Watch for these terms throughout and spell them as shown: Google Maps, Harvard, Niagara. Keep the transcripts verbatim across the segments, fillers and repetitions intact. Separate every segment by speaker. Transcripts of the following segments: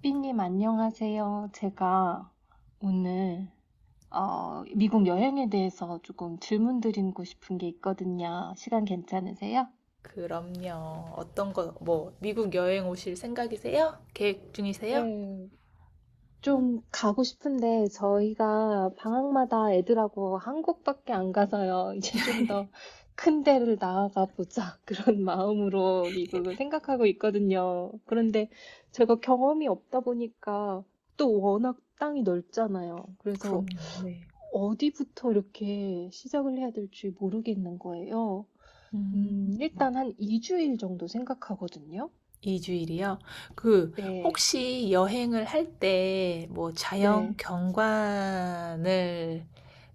Speaker 1: 삐님 안녕하세요. 제가 오늘 어, 미국 여행에 대해서 조금 질문 드리고 싶은 게 있거든요. 시간 괜찮으세요?
Speaker 2: 그럼요. 어떤 거, 뭐, 미국 여행 오실 생각이세요? 계획 중이세요?
Speaker 1: 네, 좀 가고 싶은데 저희가 방학마다 애들하고 한국밖에 안 가서요. 이제 좀 더 큰 데를 나아가 보자 그런 마음으로 미국을 생각하고 있거든요. 그런데 제가 경험이 없다 보니까 또 워낙 땅이 넓잖아요. 그래서
Speaker 2: 그럼요. 네.
Speaker 1: 어디부터 이렇게 시작을 해야 될지 모르겠는 거예요.
Speaker 2: 음,
Speaker 1: 음, 일단 한 이 주일 정도 생각하거든요.
Speaker 2: 이 주일이요? 그,
Speaker 1: 네.
Speaker 2: 혹시 여행을 할 때 뭐 자연
Speaker 1: 네.
Speaker 2: 경관을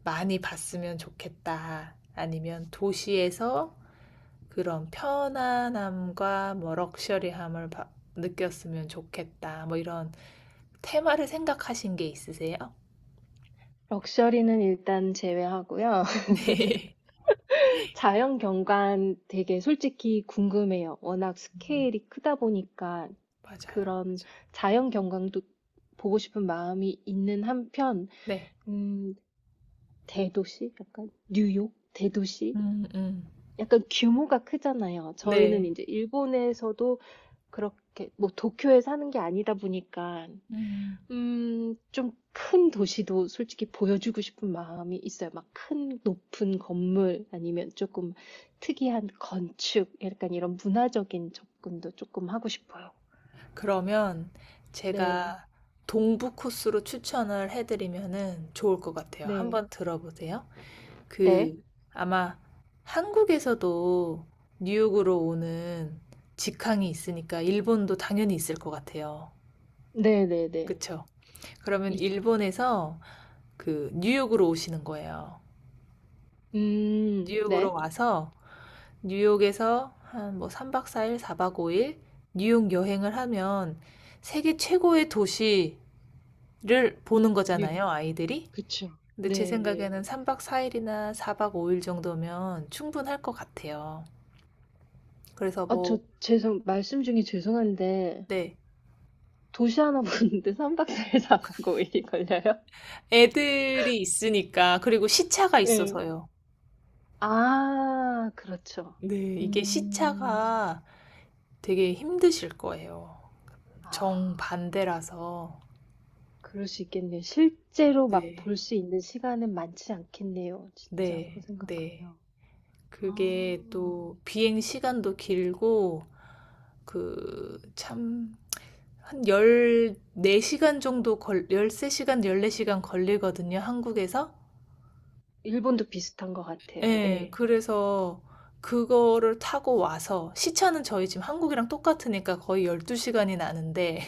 Speaker 2: 많이 봤으면 좋겠다. 아니면 도시에서 그런 편안함과 뭐 럭셔리함을 바- 느꼈으면 좋겠다. 뭐 이런 테마를 생각하신 게 있으세요?
Speaker 1: 럭셔리는 일단 제외하고요.
Speaker 2: 네.
Speaker 1: 자연 경관 되게 솔직히 궁금해요. 워낙
Speaker 2: 음,
Speaker 1: 스케일이 크다 보니까
Speaker 2: 맞아요. 맞아요.
Speaker 1: 그런 자연 경관도 보고 싶은 마음이 있는 한편,
Speaker 2: 네.
Speaker 1: 음, 대도시? 약간 뉴욕? 대도시?
Speaker 2: 음, 음,
Speaker 1: 약간 규모가 크잖아요. 저희는
Speaker 2: 네.
Speaker 1: 이제 일본에서도 그렇게 뭐 도쿄에 사는 게 아니다 보니까
Speaker 2: 음.
Speaker 1: 음, 좀 큰 도시도 솔직히 보여주고 싶은 마음이 있어요. 막 큰 높은 건물 아니면 조금 특이한 건축, 약간 이런 문화적인 접근도 조금 하고 싶어요.
Speaker 2: 그러면
Speaker 1: 네,
Speaker 2: 제가 동부 코스로 추천을 해드리면은 좋을 것 같아요.
Speaker 1: 네,
Speaker 2: 한번 들어보세요.
Speaker 1: 네,
Speaker 2: 그 아마 한국에서도 뉴욕으로 오는 직항이 있으니까 일본도 당연히 있을 것 같아요.
Speaker 1: 네, 네, 네.
Speaker 2: 그쵸? 그러면
Speaker 1: 이-
Speaker 2: 일본에서 그 뉴욕으로 오시는 거예요.
Speaker 1: 음,
Speaker 2: 뉴욕으로
Speaker 1: 네,
Speaker 2: 와서 뉴욕에서 한 뭐 삼 박 사 일, 사 박 오 일 뉴욕 여행을 하면 세계 최고의 도시를 보는
Speaker 1: 예,
Speaker 2: 거잖아요, 아이들이.
Speaker 1: 그쵸.
Speaker 2: 근데 제
Speaker 1: 네, 네.
Speaker 2: 생각에는 삼 박 사 일이나 사 박 오 일 정도면 충분할 것 같아요. 그래서
Speaker 1: 아, 저
Speaker 2: 뭐,
Speaker 1: 죄송, 말씀 중에 죄송한데
Speaker 2: 네.
Speaker 1: 도시 하나 보는데 삼 박 사 일 사 박 오 일이 걸려요?
Speaker 2: 애들이 있으니까, 그리고 시차가
Speaker 1: 네.
Speaker 2: 있어서요.
Speaker 1: 아, 그렇죠.
Speaker 2: 네, 이게
Speaker 1: 음.
Speaker 2: 시차가 되게 힘드실 거예요.
Speaker 1: 아,
Speaker 2: 정반대라서.
Speaker 1: 그럴 수 있겠네요. 실제로 막
Speaker 2: 네,
Speaker 1: 볼 수 있는 시간은 많지 않겠네요. 진짜 그
Speaker 2: 네, 네.
Speaker 1: 생각하면.
Speaker 2: 그게
Speaker 1: 아.
Speaker 2: 또 비행 시간도 길고 그 참 한 열네 시간 정도 걸 열세 시간, 열네 시간 걸리거든요, 한국에서.
Speaker 1: 일본도 비슷한 것 같아요.
Speaker 2: 예,
Speaker 1: 예.
Speaker 2: 그래서 그거를 타고 와서 시차는 저희 지금 한국이랑 똑같으니까 거의 열두 시간이 나는데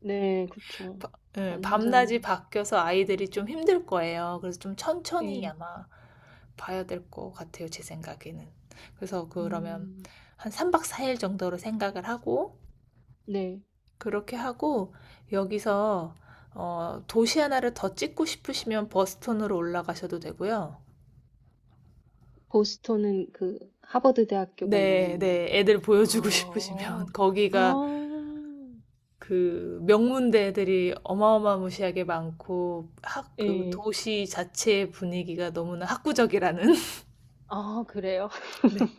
Speaker 1: 네, 그쵸.
Speaker 2: 바- 예,
Speaker 1: 완전
Speaker 2: 밤낮이 바뀌어서 아이들이 좀 힘들 거예요. 그래서 좀 천천히
Speaker 1: 예.
Speaker 2: 아마 봐야 될 것 같아요, 제 생각에는. 그래서 그러면
Speaker 1: 음.
Speaker 2: 한 삼 박 사 일 정도로 생각을 하고,
Speaker 1: 네.
Speaker 2: 그렇게 하고 여기서 어, 도시 하나를 더 찍고 싶으시면 버스턴으로 올라가셔도 되고요.
Speaker 1: 보스턴은 그 하버드 대학교가
Speaker 2: 네,
Speaker 1: 있는
Speaker 2: 네. 애들 보여주고 싶으시면
Speaker 1: 아.
Speaker 2: 거기가
Speaker 1: 아.
Speaker 2: 그 명문대 애들이 어마어마무시하게 많고 학, 그
Speaker 1: 예.
Speaker 2: 도시 자체의 분위기가 너무나 학구적이라는.
Speaker 1: 아, 그래요?
Speaker 2: 네.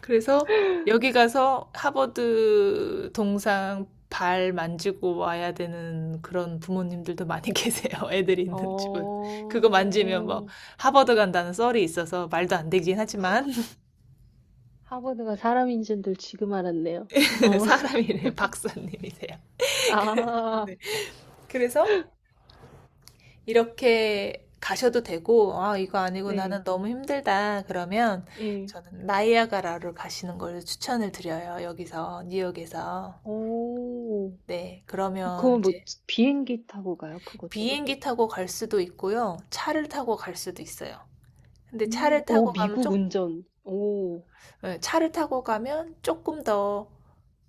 Speaker 2: 그래서 여기 가서 하버드 동상 발 만지고 와야 되는 그런 부모님들도 많이 계세요. 애들이 있는 집은. 그거 만지면 뭐
Speaker 1: 어.
Speaker 2: 하버드 간다는 썰이 있어서 말도 안 되긴 하지만.
Speaker 1: 하버드가 사람인 줄도 지금 알았네요. 어,
Speaker 2: 사람이래. 박사님이세요.
Speaker 1: 아,
Speaker 2: 네. 그래서 이렇게 가셔도 되고, 아, 이거 아니고
Speaker 1: 네,
Speaker 2: 나는 너무 힘들다. 그러면
Speaker 1: 예.
Speaker 2: 저는 나이아가라를 가시는 걸 추천을 드려요. 여기서, 뉴욕에서.
Speaker 1: 오,
Speaker 2: 네, 그러면
Speaker 1: 그건 뭐
Speaker 2: 이제
Speaker 1: 비행기 타고 가요? 그것도?
Speaker 2: 비행기 타고 갈 수도 있고요. 차를 타고 갈 수도 있어요. 근데
Speaker 1: 음,
Speaker 2: 차를
Speaker 1: 오,
Speaker 2: 타고 가면
Speaker 1: 미국
Speaker 2: 쪽,
Speaker 1: 운전. 오,
Speaker 2: 예, 차를 타고 가면 조금 더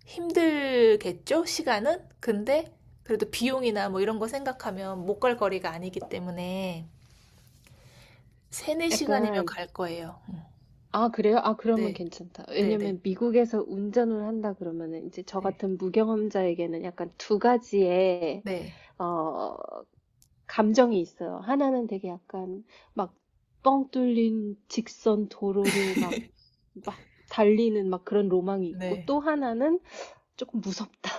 Speaker 2: 힘들겠죠? 시간은? 근데 그래도 비용이나 뭐 이런 거 생각하면 못 갈 거리가 아니기 때문에 세네 시간이면
Speaker 1: 약간,
Speaker 2: 갈 거예요.
Speaker 1: 아, 그래요? 아, 그러면
Speaker 2: 네,
Speaker 1: 괜찮다.
Speaker 2: 네, 네,
Speaker 1: 왜냐면 미국에서 운전을 한다 그러면은 이제 저
Speaker 2: 네,
Speaker 1: 같은 무경험자에게는 약간 두 가지의
Speaker 2: 네,
Speaker 1: 어, 감정이 있어요. 하나는 되게 약간 막 뻥 뚫린 직선 도로를 막, 막 달리는 막 그런 로망이 있고
Speaker 2: 네.
Speaker 1: 또 하나는 조금 무섭다.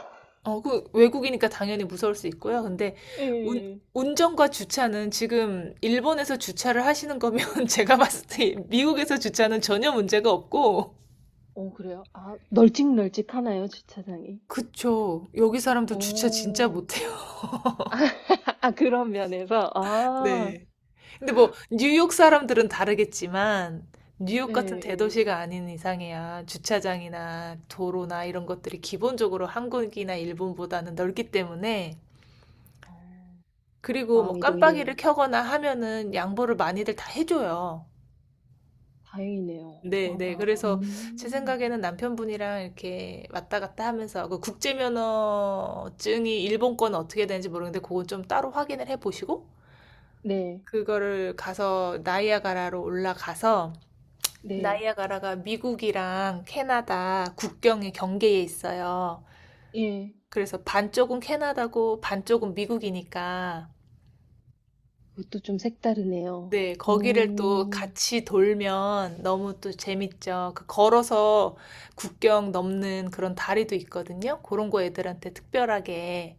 Speaker 2: 어, 그 외국이니까 당연히 무서울 수 있고요. 근데 운
Speaker 1: 예.
Speaker 2: 운전과 주차는 지금 일본에서 주차를 하시는 거면 제가 봤을 때 미국에서 주차는 전혀 문제가 없고.
Speaker 1: 어, 그래요? 아, 널찍널찍하나요, 주차장이?
Speaker 2: 그쵸. 여기 사람들 주차 진짜
Speaker 1: 오.
Speaker 2: 못해요.
Speaker 1: 아, 아, 그런 면에서, 아,
Speaker 2: 네. 근데 뭐 뉴욕 사람들은 다르겠지만 뉴욕
Speaker 1: 네,
Speaker 2: 같은
Speaker 1: 예.
Speaker 2: 대도시가 아닌 이상에야 주차장이나 도로나 이런 것들이 기본적으로 한국이나 일본보다는 넓기 때문에.
Speaker 1: 어,
Speaker 2: 그리고 뭐
Speaker 1: 마음이
Speaker 2: 깜빡이를
Speaker 1: 놓이네요.
Speaker 2: 켜거나 하면은 양보를 많이들 다 해줘요.
Speaker 1: 다행이네요.
Speaker 2: 네,
Speaker 1: 아,
Speaker 2: 네.
Speaker 1: 막,
Speaker 2: 그래서 제
Speaker 1: 음.
Speaker 2: 생각에는 남편분이랑 이렇게 왔다 갔다 하면서 그 국제면허증이 일본권 어떻게 되는지 모르겠는데 그건 좀 따로 확인을 해 보시고,
Speaker 1: 네,
Speaker 2: 그거를 가서 나이아가라로 올라가서
Speaker 1: 네,
Speaker 2: 나이아가라가 미국이랑 캐나다 국경의 경계에 있어요.
Speaker 1: 예.
Speaker 2: 그래서 반쪽은 캐나다고 반쪽은 미국이니까,
Speaker 1: 그것도 좀 색다르네요.
Speaker 2: 네, 거기를 또
Speaker 1: 오.
Speaker 2: 같이 돌면 너무 또 재밌죠. 그 걸어서 국경 넘는 그런 다리도 있거든요. 그런 거 애들한테 특별하게.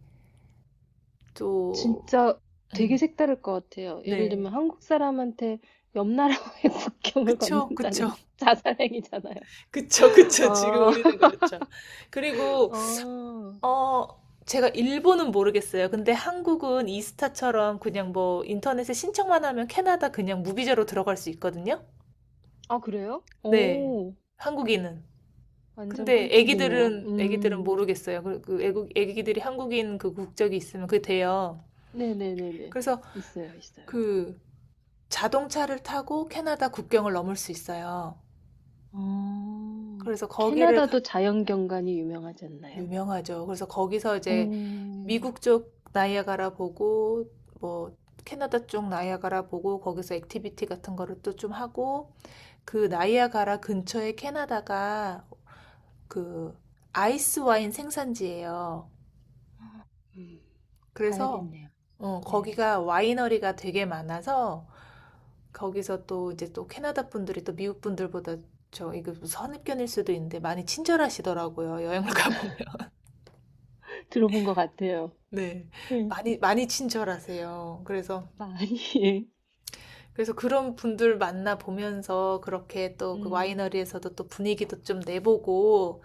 Speaker 2: 또,
Speaker 1: 진짜 되게
Speaker 2: 음,
Speaker 1: 색다를 것 같아요. 예를
Speaker 2: 네.
Speaker 1: 들면 한국 사람한테 옆 나라와의 국경을
Speaker 2: 그쵸,
Speaker 1: 건넌다는
Speaker 2: 그쵸.
Speaker 1: 자살행위잖아요.
Speaker 2: 그쵸, 그쵸. 지금
Speaker 1: 아,
Speaker 2: 우리는 그렇죠. 그리고,
Speaker 1: 아,
Speaker 2: 어, 제가 일본은 모르겠어요. 근데 한국은 이스타처럼 그냥 뭐 인터넷에 신청만 하면 캐나다 그냥 무비자로 들어갈 수 있거든요.
Speaker 1: 아, 그래요?
Speaker 2: 네.
Speaker 1: 오,
Speaker 2: 한국인은.
Speaker 1: 완전
Speaker 2: 근데
Speaker 1: 꿀팁이네요.
Speaker 2: 애기들은 애기들은
Speaker 1: 음,
Speaker 2: 모르겠어요. 그, 그 애국 애기들이 한국인 그 국적이 있으면 그게 돼요.
Speaker 1: 네네네네.
Speaker 2: 그래서
Speaker 1: 있어요, 있어요.
Speaker 2: 그 자동차를 타고 캐나다 국경을 넘을 수 있어요.
Speaker 1: 어,
Speaker 2: 그래서 거기를 가-
Speaker 1: 캐나다도 자연경관이 유명하지 않나요?
Speaker 2: 유명하죠. 그래서 거기서 이제
Speaker 1: 오,
Speaker 2: 미국 쪽 나이아가라 보고 뭐 캐나다 쪽 나이아가라 보고 거기서 액티비티 같은 거를 또 좀 하고, 그 나이아가라 근처에 캐나다가 그 아이스 와인 생산지예요.
Speaker 1: 음,
Speaker 2: 그래서
Speaker 1: 가야겠네요.
Speaker 2: 어,
Speaker 1: 네.
Speaker 2: 거기가 와이너리가 되게 많아서 거기서 또 이제 또 캐나다 분들이 또 미국 분들보다 저 이거 선입견일 수도 있는데 많이 친절하시더라고요. 여행을 가보면.
Speaker 1: 들어본 것 같아요.
Speaker 2: 네.
Speaker 1: 네.
Speaker 2: 많이 많이 친절하세요. 그래서
Speaker 1: 많이,
Speaker 2: 그래서 그런 분들 만나 보면서 그렇게 또 그
Speaker 1: 음,
Speaker 2: 와이너리에서도 또 분위기도 좀 내보고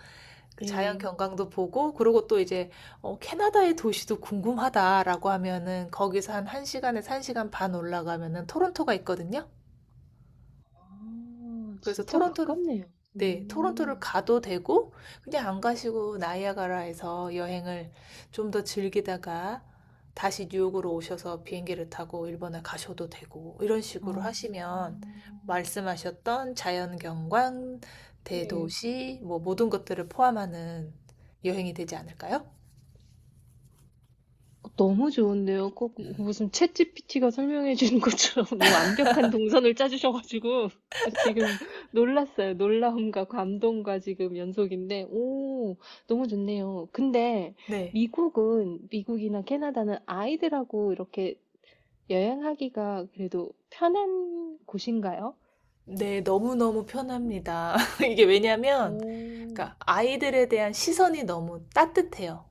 Speaker 2: 그 자연
Speaker 1: 예.
Speaker 2: 경관도 보고. 그리고 또 이제 어, 캐나다의 도시도 궁금하다라고 하면은 거기서 한 1시간에서 한 시간 반 올라가면은 토론토가 있거든요.
Speaker 1: 아,
Speaker 2: 그래서
Speaker 1: 진짜
Speaker 2: 토론토를
Speaker 1: 가깝네요.
Speaker 2: 네, 토론토를
Speaker 1: 음,
Speaker 2: 가도 되고 그냥 안 가시고 나이아가라에서 여행을 좀 더 즐기다가 다시 뉴욕으로 오셔서 비행기를 타고 일본에 가셔도 되고. 이런
Speaker 1: 어,
Speaker 2: 식으로 하시면 말씀하셨던 자연 경관,
Speaker 1: 예.
Speaker 2: 대도시 뭐 모든 것들을 포함하는 여행이 되지 않을까요?
Speaker 1: 너무 좋은데요. 꼭 무슨 챗지피티가 설명해 주는 것처럼 너무 완벽한 동선을 짜주셔가지고 저 지금 놀랐어요. 놀라움과 감동과 지금 연속인데, 오, 너무 좋네요. 근데
Speaker 2: 네.
Speaker 1: 미국은, 미국이나 캐나다는 아이들하고 이렇게 여행하기가 그래도 편한 곳인가요?
Speaker 2: 네, 너무너무 편합니다. 이게 왜냐면
Speaker 1: 오,
Speaker 2: 그러니까 아이들에 대한 시선이 너무 따뜻해요.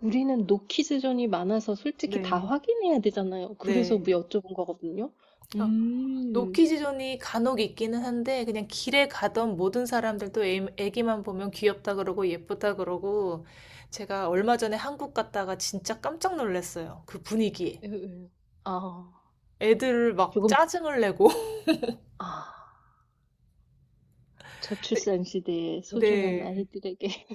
Speaker 1: 우리는 노키즈존이 많아서 솔직히 다
Speaker 2: 네,
Speaker 1: 확인해야 되잖아요. 그래서 뭐
Speaker 2: 네.
Speaker 1: 여쭤본 거거든요.
Speaker 2: 어,
Speaker 1: 음,
Speaker 2: 노키즈존이 간혹 있기는 한데 그냥 길에 가던 모든 사람들도 애, 애기만 보면 귀엽다 그러고 예쁘다 그러고. 제가 얼마 전에 한국 갔다가 진짜 깜짝 놀랐어요. 그 분위기에.
Speaker 1: 에, 에. 아,
Speaker 2: 애들 막
Speaker 1: 조금,
Speaker 2: 짜증을 내고.
Speaker 1: 아,
Speaker 2: 네.
Speaker 1: 저출산 시대의 소중한
Speaker 2: 네.
Speaker 1: 아이들에게.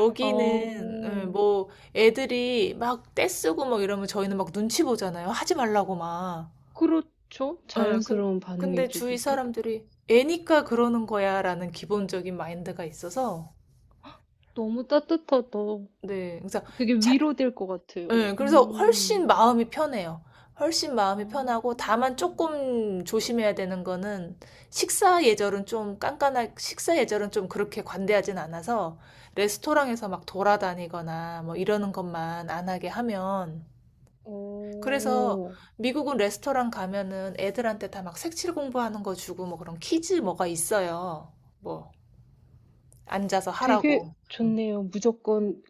Speaker 2: 예,
Speaker 1: 어,
Speaker 2: 뭐 애들이 막 떼쓰고 막 이러면 저희는 막 눈치 보잖아요. 하지 말라고 막.
Speaker 1: 그렇죠.
Speaker 2: 예, 근,
Speaker 1: 자연스러운
Speaker 2: 근데
Speaker 1: 반응이죠,
Speaker 2: 주위
Speaker 1: 그게.
Speaker 2: 사람들이 애니까 그러는 거야라는 기본적인 마인드가 있어서.
Speaker 1: 너무 따뜻하다.
Speaker 2: 네. 그래서
Speaker 1: 되게
Speaker 2: 차-
Speaker 1: 위로될 것 같아요.
Speaker 2: 예, 그래서
Speaker 1: 음,
Speaker 2: 훨씬 마음이 편해요. 훨씬
Speaker 1: 아,
Speaker 2: 마음이 편하고 다만 조금 조심해야 되는 거는, 식사 예절은 좀 깐깐하, 식사 예절은 좀 그렇게 관대하진 않아서 레스토랑에서 막 돌아다니거나 뭐 이러는 것만 안 하게 하면. 그래서
Speaker 1: 오.
Speaker 2: 미국은 레스토랑 가면은 애들한테 다 막 색칠 공부하는 거 주고 뭐 그런 퀴즈 뭐가 있어요. 뭐 앉아서
Speaker 1: 되게
Speaker 2: 하라고. 음.
Speaker 1: 좋네요. 무조건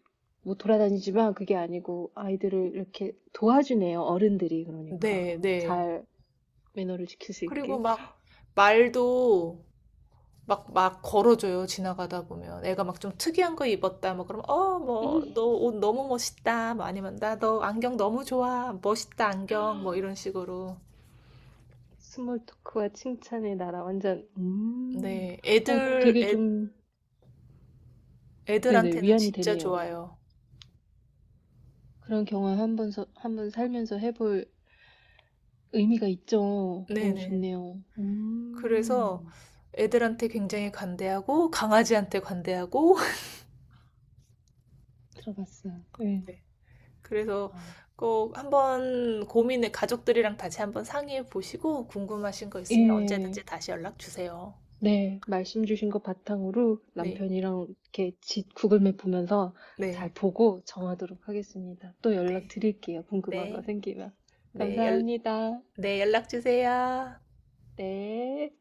Speaker 1: 뭐 돌아다니지만 그게 아니고 아이들을 이렇게 도와주네요. 어른들이 그러니까
Speaker 2: 네, 네.
Speaker 1: 잘 매너를 지킬 수
Speaker 2: 그리고
Speaker 1: 있게.
Speaker 2: 막 말도 막, 막 걸어줘요, 지나가다 보면. 애가 막 좀 특이한 거 입었다, 뭐, 그러면, 어, 뭐,
Speaker 1: 음,
Speaker 2: 너 옷 너무 멋있다, 뭐, 아니면, 나 너 안경 너무 좋아, 멋있다, 안경, 뭐, 이런 식으로.
Speaker 1: 스몰 토크와 칭찬의 나라 완전 음.
Speaker 2: 네,
Speaker 1: 어,
Speaker 2: 애들,
Speaker 1: 되게
Speaker 2: 애,
Speaker 1: 좀 네네
Speaker 2: 애들한테는
Speaker 1: 위안이
Speaker 2: 진짜
Speaker 1: 되네요.
Speaker 2: 좋아요.
Speaker 1: 그런 경험 한번 한번 살면서 해볼 의미가 있죠. 너무
Speaker 2: 네네.
Speaker 1: 좋네요.
Speaker 2: 그래서
Speaker 1: 음.
Speaker 2: 애들한테 굉장히 관대하고, 강아지한테 관대하고,
Speaker 1: 들어봤어요. 네.
Speaker 2: 네. 그래서
Speaker 1: 아.
Speaker 2: 꼭 한번 고민을, 가족들이랑 다시 한번 상의해 보시고, 궁금하신 거 있으면
Speaker 1: 예.
Speaker 2: 언제든지 다시 연락 주세요.
Speaker 1: 네. 말씀 주신 것 바탕으로
Speaker 2: 네,
Speaker 1: 남편이랑 이렇게 지 구글맵 보면서 잘
Speaker 2: 네,
Speaker 1: 보고 정하도록 하겠습니다. 또
Speaker 2: 네.
Speaker 1: 연락드릴게요, 궁금한 거
Speaker 2: 네,
Speaker 1: 생기면.
Speaker 2: 네, 연,
Speaker 1: 감사합니다.
Speaker 2: 네, 연락 주세요.
Speaker 1: 네.